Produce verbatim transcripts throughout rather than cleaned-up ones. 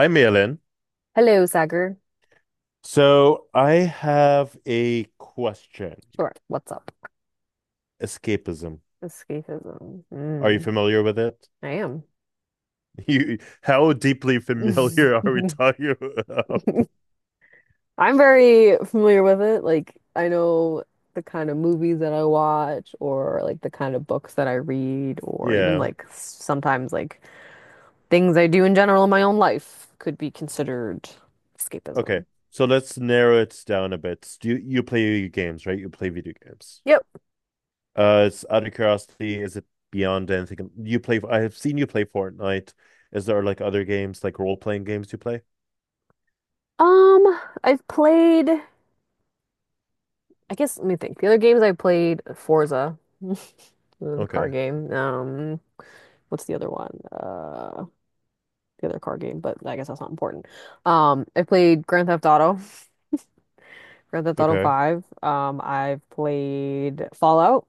Hi, Malin. Hello, Sagar. So I have a question. Sure. What's up? Escapism. Escapism. Are you Mm, familiar with it? I am. You, how deeply familiar are we talking about? I'm very familiar with it. Like, I know the kind of movies that I watch, or like the kind of books that I read, or even Yeah. like s- sometimes like things I do in general in my own life could be considered Okay. escapism. So let's narrow it down a bit. Do you, you play games, right? You play video games. Yep. Uh, it's out of curiosity, is it beyond anything? You play, I have seen you play Fortnite. Is there like other games, like role-playing games you play? Um, I've played, I guess, let me think. The other games I played, Forza, the car Okay. game. Um, what's the other one? Uh, the other car game, but I guess that's not important. Um, I played Grand Theft Auto, Grand Theft Auto Okay. five. Um, I've played Fallout.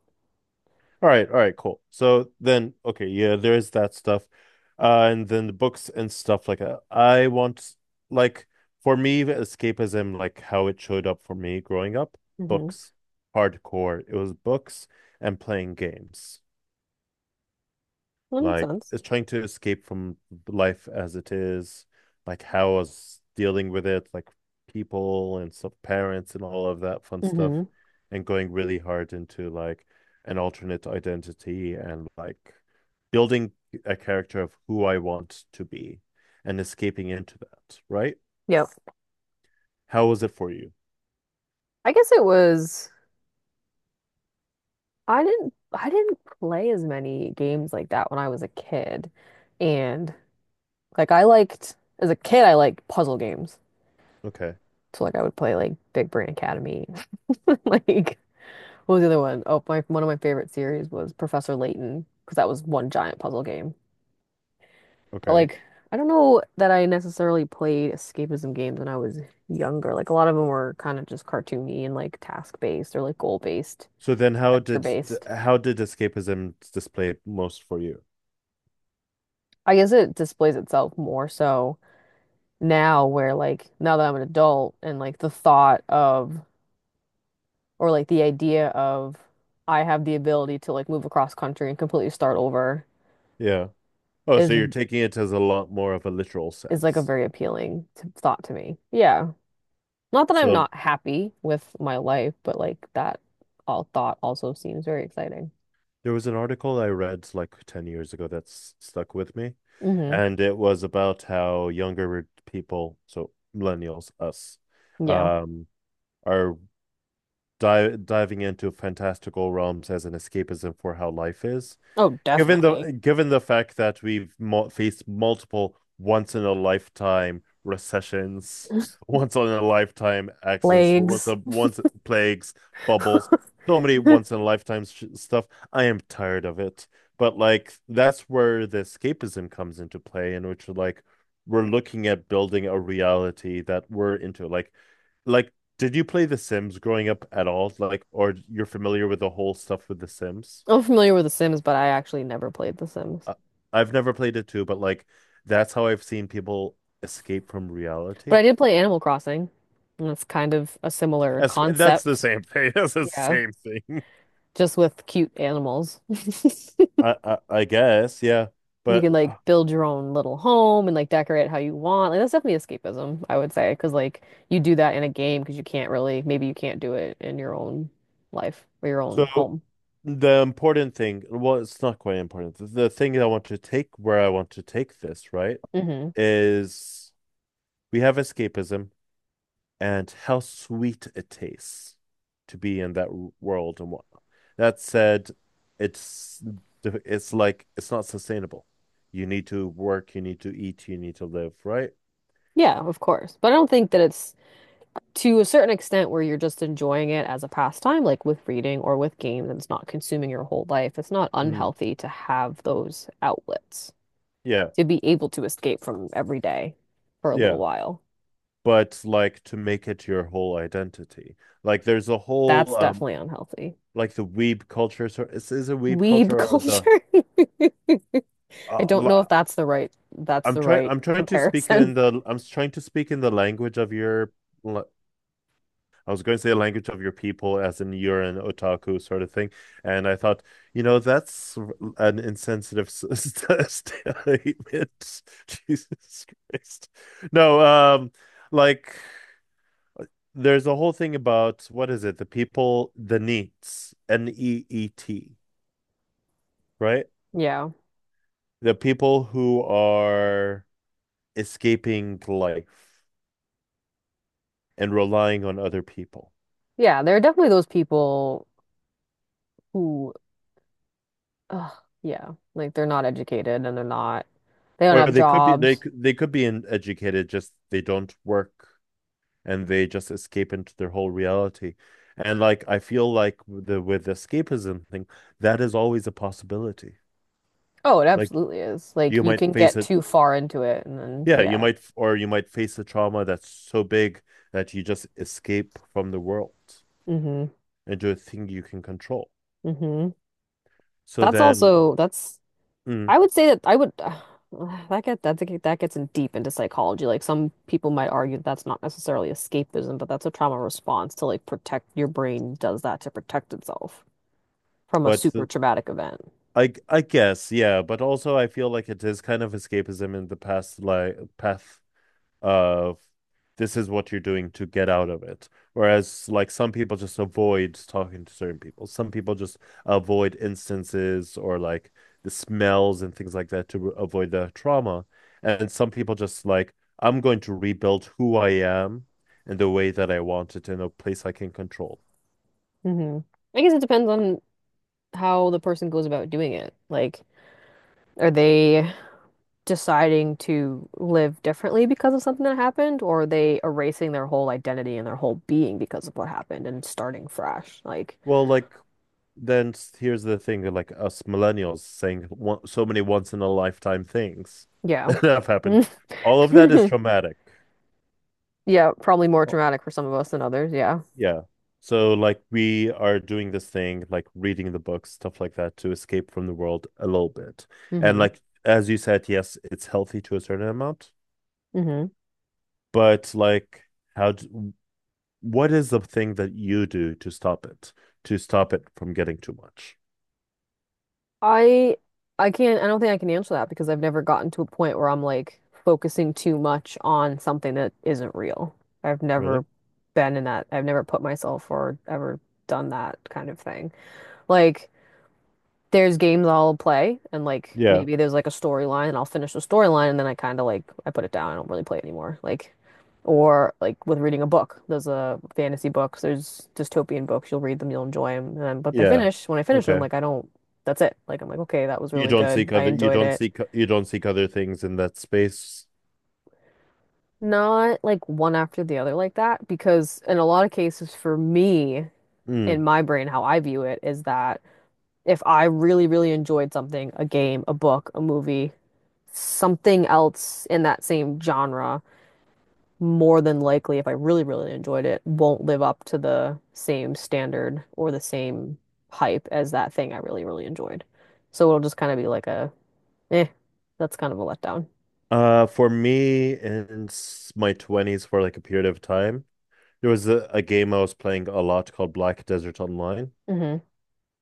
All right, all right, cool. So then, okay, yeah, there is that stuff. Uh, and then the books and stuff like that. I want, like, for me, escapism, like how it showed up for me growing up, Mm-hmm. books, hardcore. It was books and playing games That makes like sense. is trying to escape from life as it is, like how I was dealing with it, like people and some parents and all of that fun stuff, Mm-hmm. and going really hard into like an alternate identity and like building a character of who I want to be and escaping into that, right? Yep. How was it for you? I guess it was. I didn't I didn't play as many games like that when I was a kid. And like I liked as a kid I liked puzzle games. Okay, So like I would play like Big Brain Academy. Like what was the other one? Oh, my one of my favorite series was Professor Layton because that was one giant puzzle game. But okay. like I don't know that I necessarily played escapism games when I was younger. Like a lot of them were kind of just cartoony and like task based or like goal based, So then how adventure did based. how did escapism display most for you? I guess it displays itself more so now where like now that I'm an adult and like the thought of or like the idea of I have the ability to like move across country and completely start over Yeah. Oh, so is you're taking it as a lot more of a literal is like a sense. very appealing t thought to me. Yeah. Not that I'm So not happy with my life, but like that all thought also seems very exciting. there was an article I read like ten years ago that's stuck with me, Hmm. and it was about how younger people, so millennials, us, Yeah. um, are di diving into fantastical realms as an escapism for how life is. Oh, Given definitely. the given the fact that we've mo faced multiple once in a lifetime recessions, once in a lifetime accidents, once Legs. a once plagues, bubbles, so many once in a lifetime sh stuff, I am tired of it. But like that's where the escapism comes into play, in which like we're looking at building a reality that we're into. Like, like did you play The Sims growing up at all? Like, or you're familiar with the whole stuff with The Sims? I'm familiar with The Sims, but I actually never played The Sims. I- I've never played it too, but like that's how I've seen people escape from But reality. I did play Animal Crossing, and that's kind of a similar As, that's the concept, same thing. That's the yeah, same thing. just with cute animals. I, I I guess, yeah. You can But like build your own little home and like decorate how you want. Like that's definitely escapism, I would say, because like you do that in a game because you can't really, maybe you can't do it in your own life or your so own home. the important thing, well, it's not quite important. The, the thing that I want to take where I want to take this, right, Hmm. is we have escapism, and how sweet it tastes to be in that world and what that said, it's it's like it's not sustainable. You need to work, you need to eat, you need to live, right? Yeah, of course. But I don't think that it's to a certain extent where you're just enjoying it as a pastime, like with reading or with games, and it's not consuming your whole life. It's not mm, unhealthy to have those outlets. yeah. To be able to escape from every day for a Yeah, little while. but like to make it your whole identity, like there's a whole That's um definitely unhealthy. like the weeb culture. So is, is a weeb Weeb culture or the culture. I uh, don't know if la- that's the right that's I'm the trying right I'm trying to speak comparison. in the I'm trying to speak in the language of your la- I was going to say a language of your people, as in you're an otaku sort of thing. And I thought, you know, that's an insensitive st- statement. Jesus Christ. No, um, like there's a whole thing about what is it? The people, the neets, N E E T, right? Yeah. The people who are escaping life and relying on other people. Yeah, there are definitely those people who ugh, yeah, like they're not educated and they're not they don't Or have they could be they jobs. they could be in educated, just they don't work and they just escape into their whole reality. And like I feel like the with the escapism thing, that is always a possibility. Oh, it Like absolutely is. Like you you might can face get it, too far into it and then yeah, you yeah. might or you might face a trauma that's so big that you just escape from the world Mm-hmm. into a thing you can control. Mm-hmm. So That's then, also that's mm, I would say that I would uh, that get that get- that gets in deep into psychology. Like some people might argue that that's not necessarily escapism, but that's a trauma response to like protect your brain does that to protect itself from a but super the- traumatic event. I I guess yeah, but also I feel like it is kind of escapism in the past like path of this is what you're doing to get out of it. Whereas, like, some people just avoid talking to certain people. Some people just avoid instances or like the smells and things like that to avoid the trauma. And some people just like, I'm going to rebuild who I am in the way that I want it in a place I can control. Hmm. I guess it depends on how the person goes about doing it. Like, are they deciding to live differently because of something that happened, or are they erasing their whole identity and their whole being because of what happened and starting fresh? Like, Well, like, then here's the thing, like, us millennials saying so many once in a lifetime things yeah. that have happened. All of that is traumatic. Yeah, probably more traumatic for some of us than others. Yeah. Yeah. So like we are doing this thing, like reading the books, stuff like that, to escape from the world a little bit. And Hmm. like as you said, yes, it's healthy to a certain amount, Hmm. but like how d what is the thing that you do to stop it, to stop it from getting too much? I I can't I don't think I can answer that because I've never gotten to a point where I'm like focusing too much on something that isn't real. I've Really? never been in that. I've never put myself or ever done that kind of thing. Like there's games I'll play and like Yeah. maybe there's like a storyline and I'll finish the storyline and then I kind of like I put it down. I don't really play it anymore. Like or like with reading a book. There's a fantasy books, there's dystopian books. You'll read them, you'll enjoy them. And then, but they Yeah. finish, when I finish them, Okay. like I don't that's it. Like I'm like, okay, that was You really don't good. seek I other you enjoyed don't it. seek you don't seek other things in that space. Not like one after the other like that because in a lot of cases for me Mm. in my brain how I view it is that if I really, really enjoyed something, a game, a book, a movie, something else in that same genre, more than likely, if I really, really enjoyed it, won't live up to the same standard or the same hype as that thing I really, really enjoyed. So it'll just kind of be like a, eh, that's kind of a letdown. Uh, for me in s- my twenties for like a period of time, there was a, a game I was playing a lot called Black Desert Online, Hmm.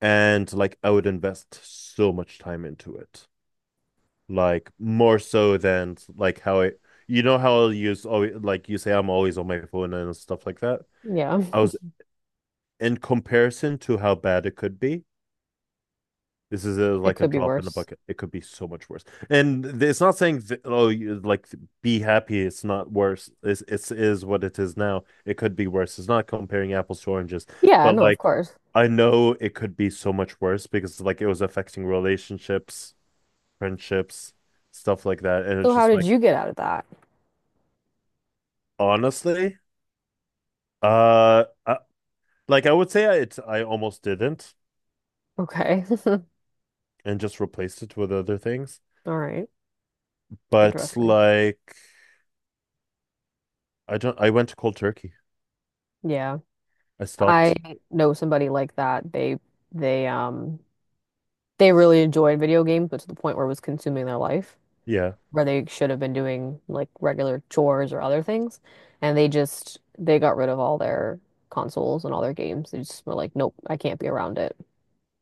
and like I would invest so much time into it, like more so than like how I, you know, how I'll use always like you say I'm always on my phone and stuff like that. Yeah, I was in comparison to how bad it could be. This is a, it like a could be drop in the worse. bucket. It could be so much worse. And it's not saying th- oh you, like be happy. It's not worse. It's it's is what it is now. It could be worse. It's not comparing apples to oranges, Yeah, but no, of like course. I know it could be so much worse because like it was affecting relationships, friendships, stuff like that. And it's So how just did like you get out of that? honestly, uh, I, like I would say I, it's I almost didn't Okay. and just replaced it with other things. All right. But Interesting. like I don't. I went to cold turkey. Yeah. I I stopped. know somebody like that. They they um they really enjoyed video games, but to the point where it was consuming their life, Yeah, where they should have been doing like regular chores or other things, and they just they got rid of all their consoles and all their games. They just were like, nope, I can't be around it.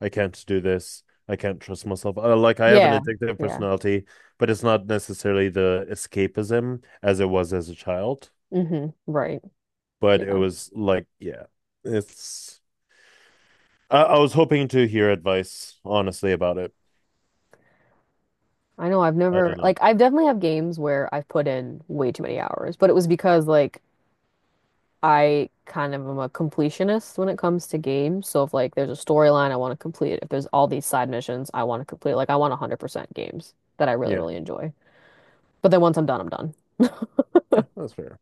I can't do this. I can't trust myself. Uh, like I have an Yeah, addictive yeah. personality, but it's not necessarily the escapism as it was as a child. Hmm. Right. But it Yeah. was like, yeah, it's. I, I was hoping to hear advice, honestly, about it. I know I've I never don't know. like I've definitely have games where I've put in way too many hours, but it was because like I kind of am a completionist when it comes to games. So if like there's a storyline, I want to complete it. If there's all these side missions, I want to complete. It. Like I want one hundred percent games that I really, Yeah, really enjoy. But then once I'm done, I'm done. yeah, that's fair.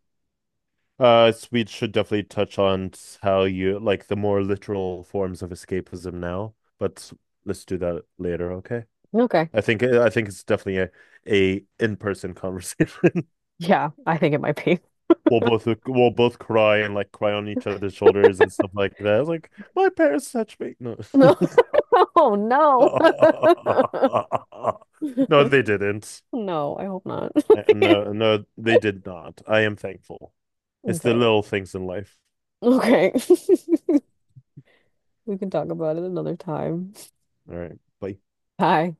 Uh, so we should definitely touch on how you like the more literal forms of escapism now, but let's do that later, okay? Okay. I think I think it's definitely a a in-person conversation. Yeah, I think it might be. we'll both we'll both cry and like cry on each other's shoulders and stuff like that. It's like my parents touched me. No, No. Oh no. no, they didn't. No, I hope not. Uh, No, no, they did not. I am thankful. It's the Okay. little things in life. Okay. We can talk about it another time. All right, bye. Bye.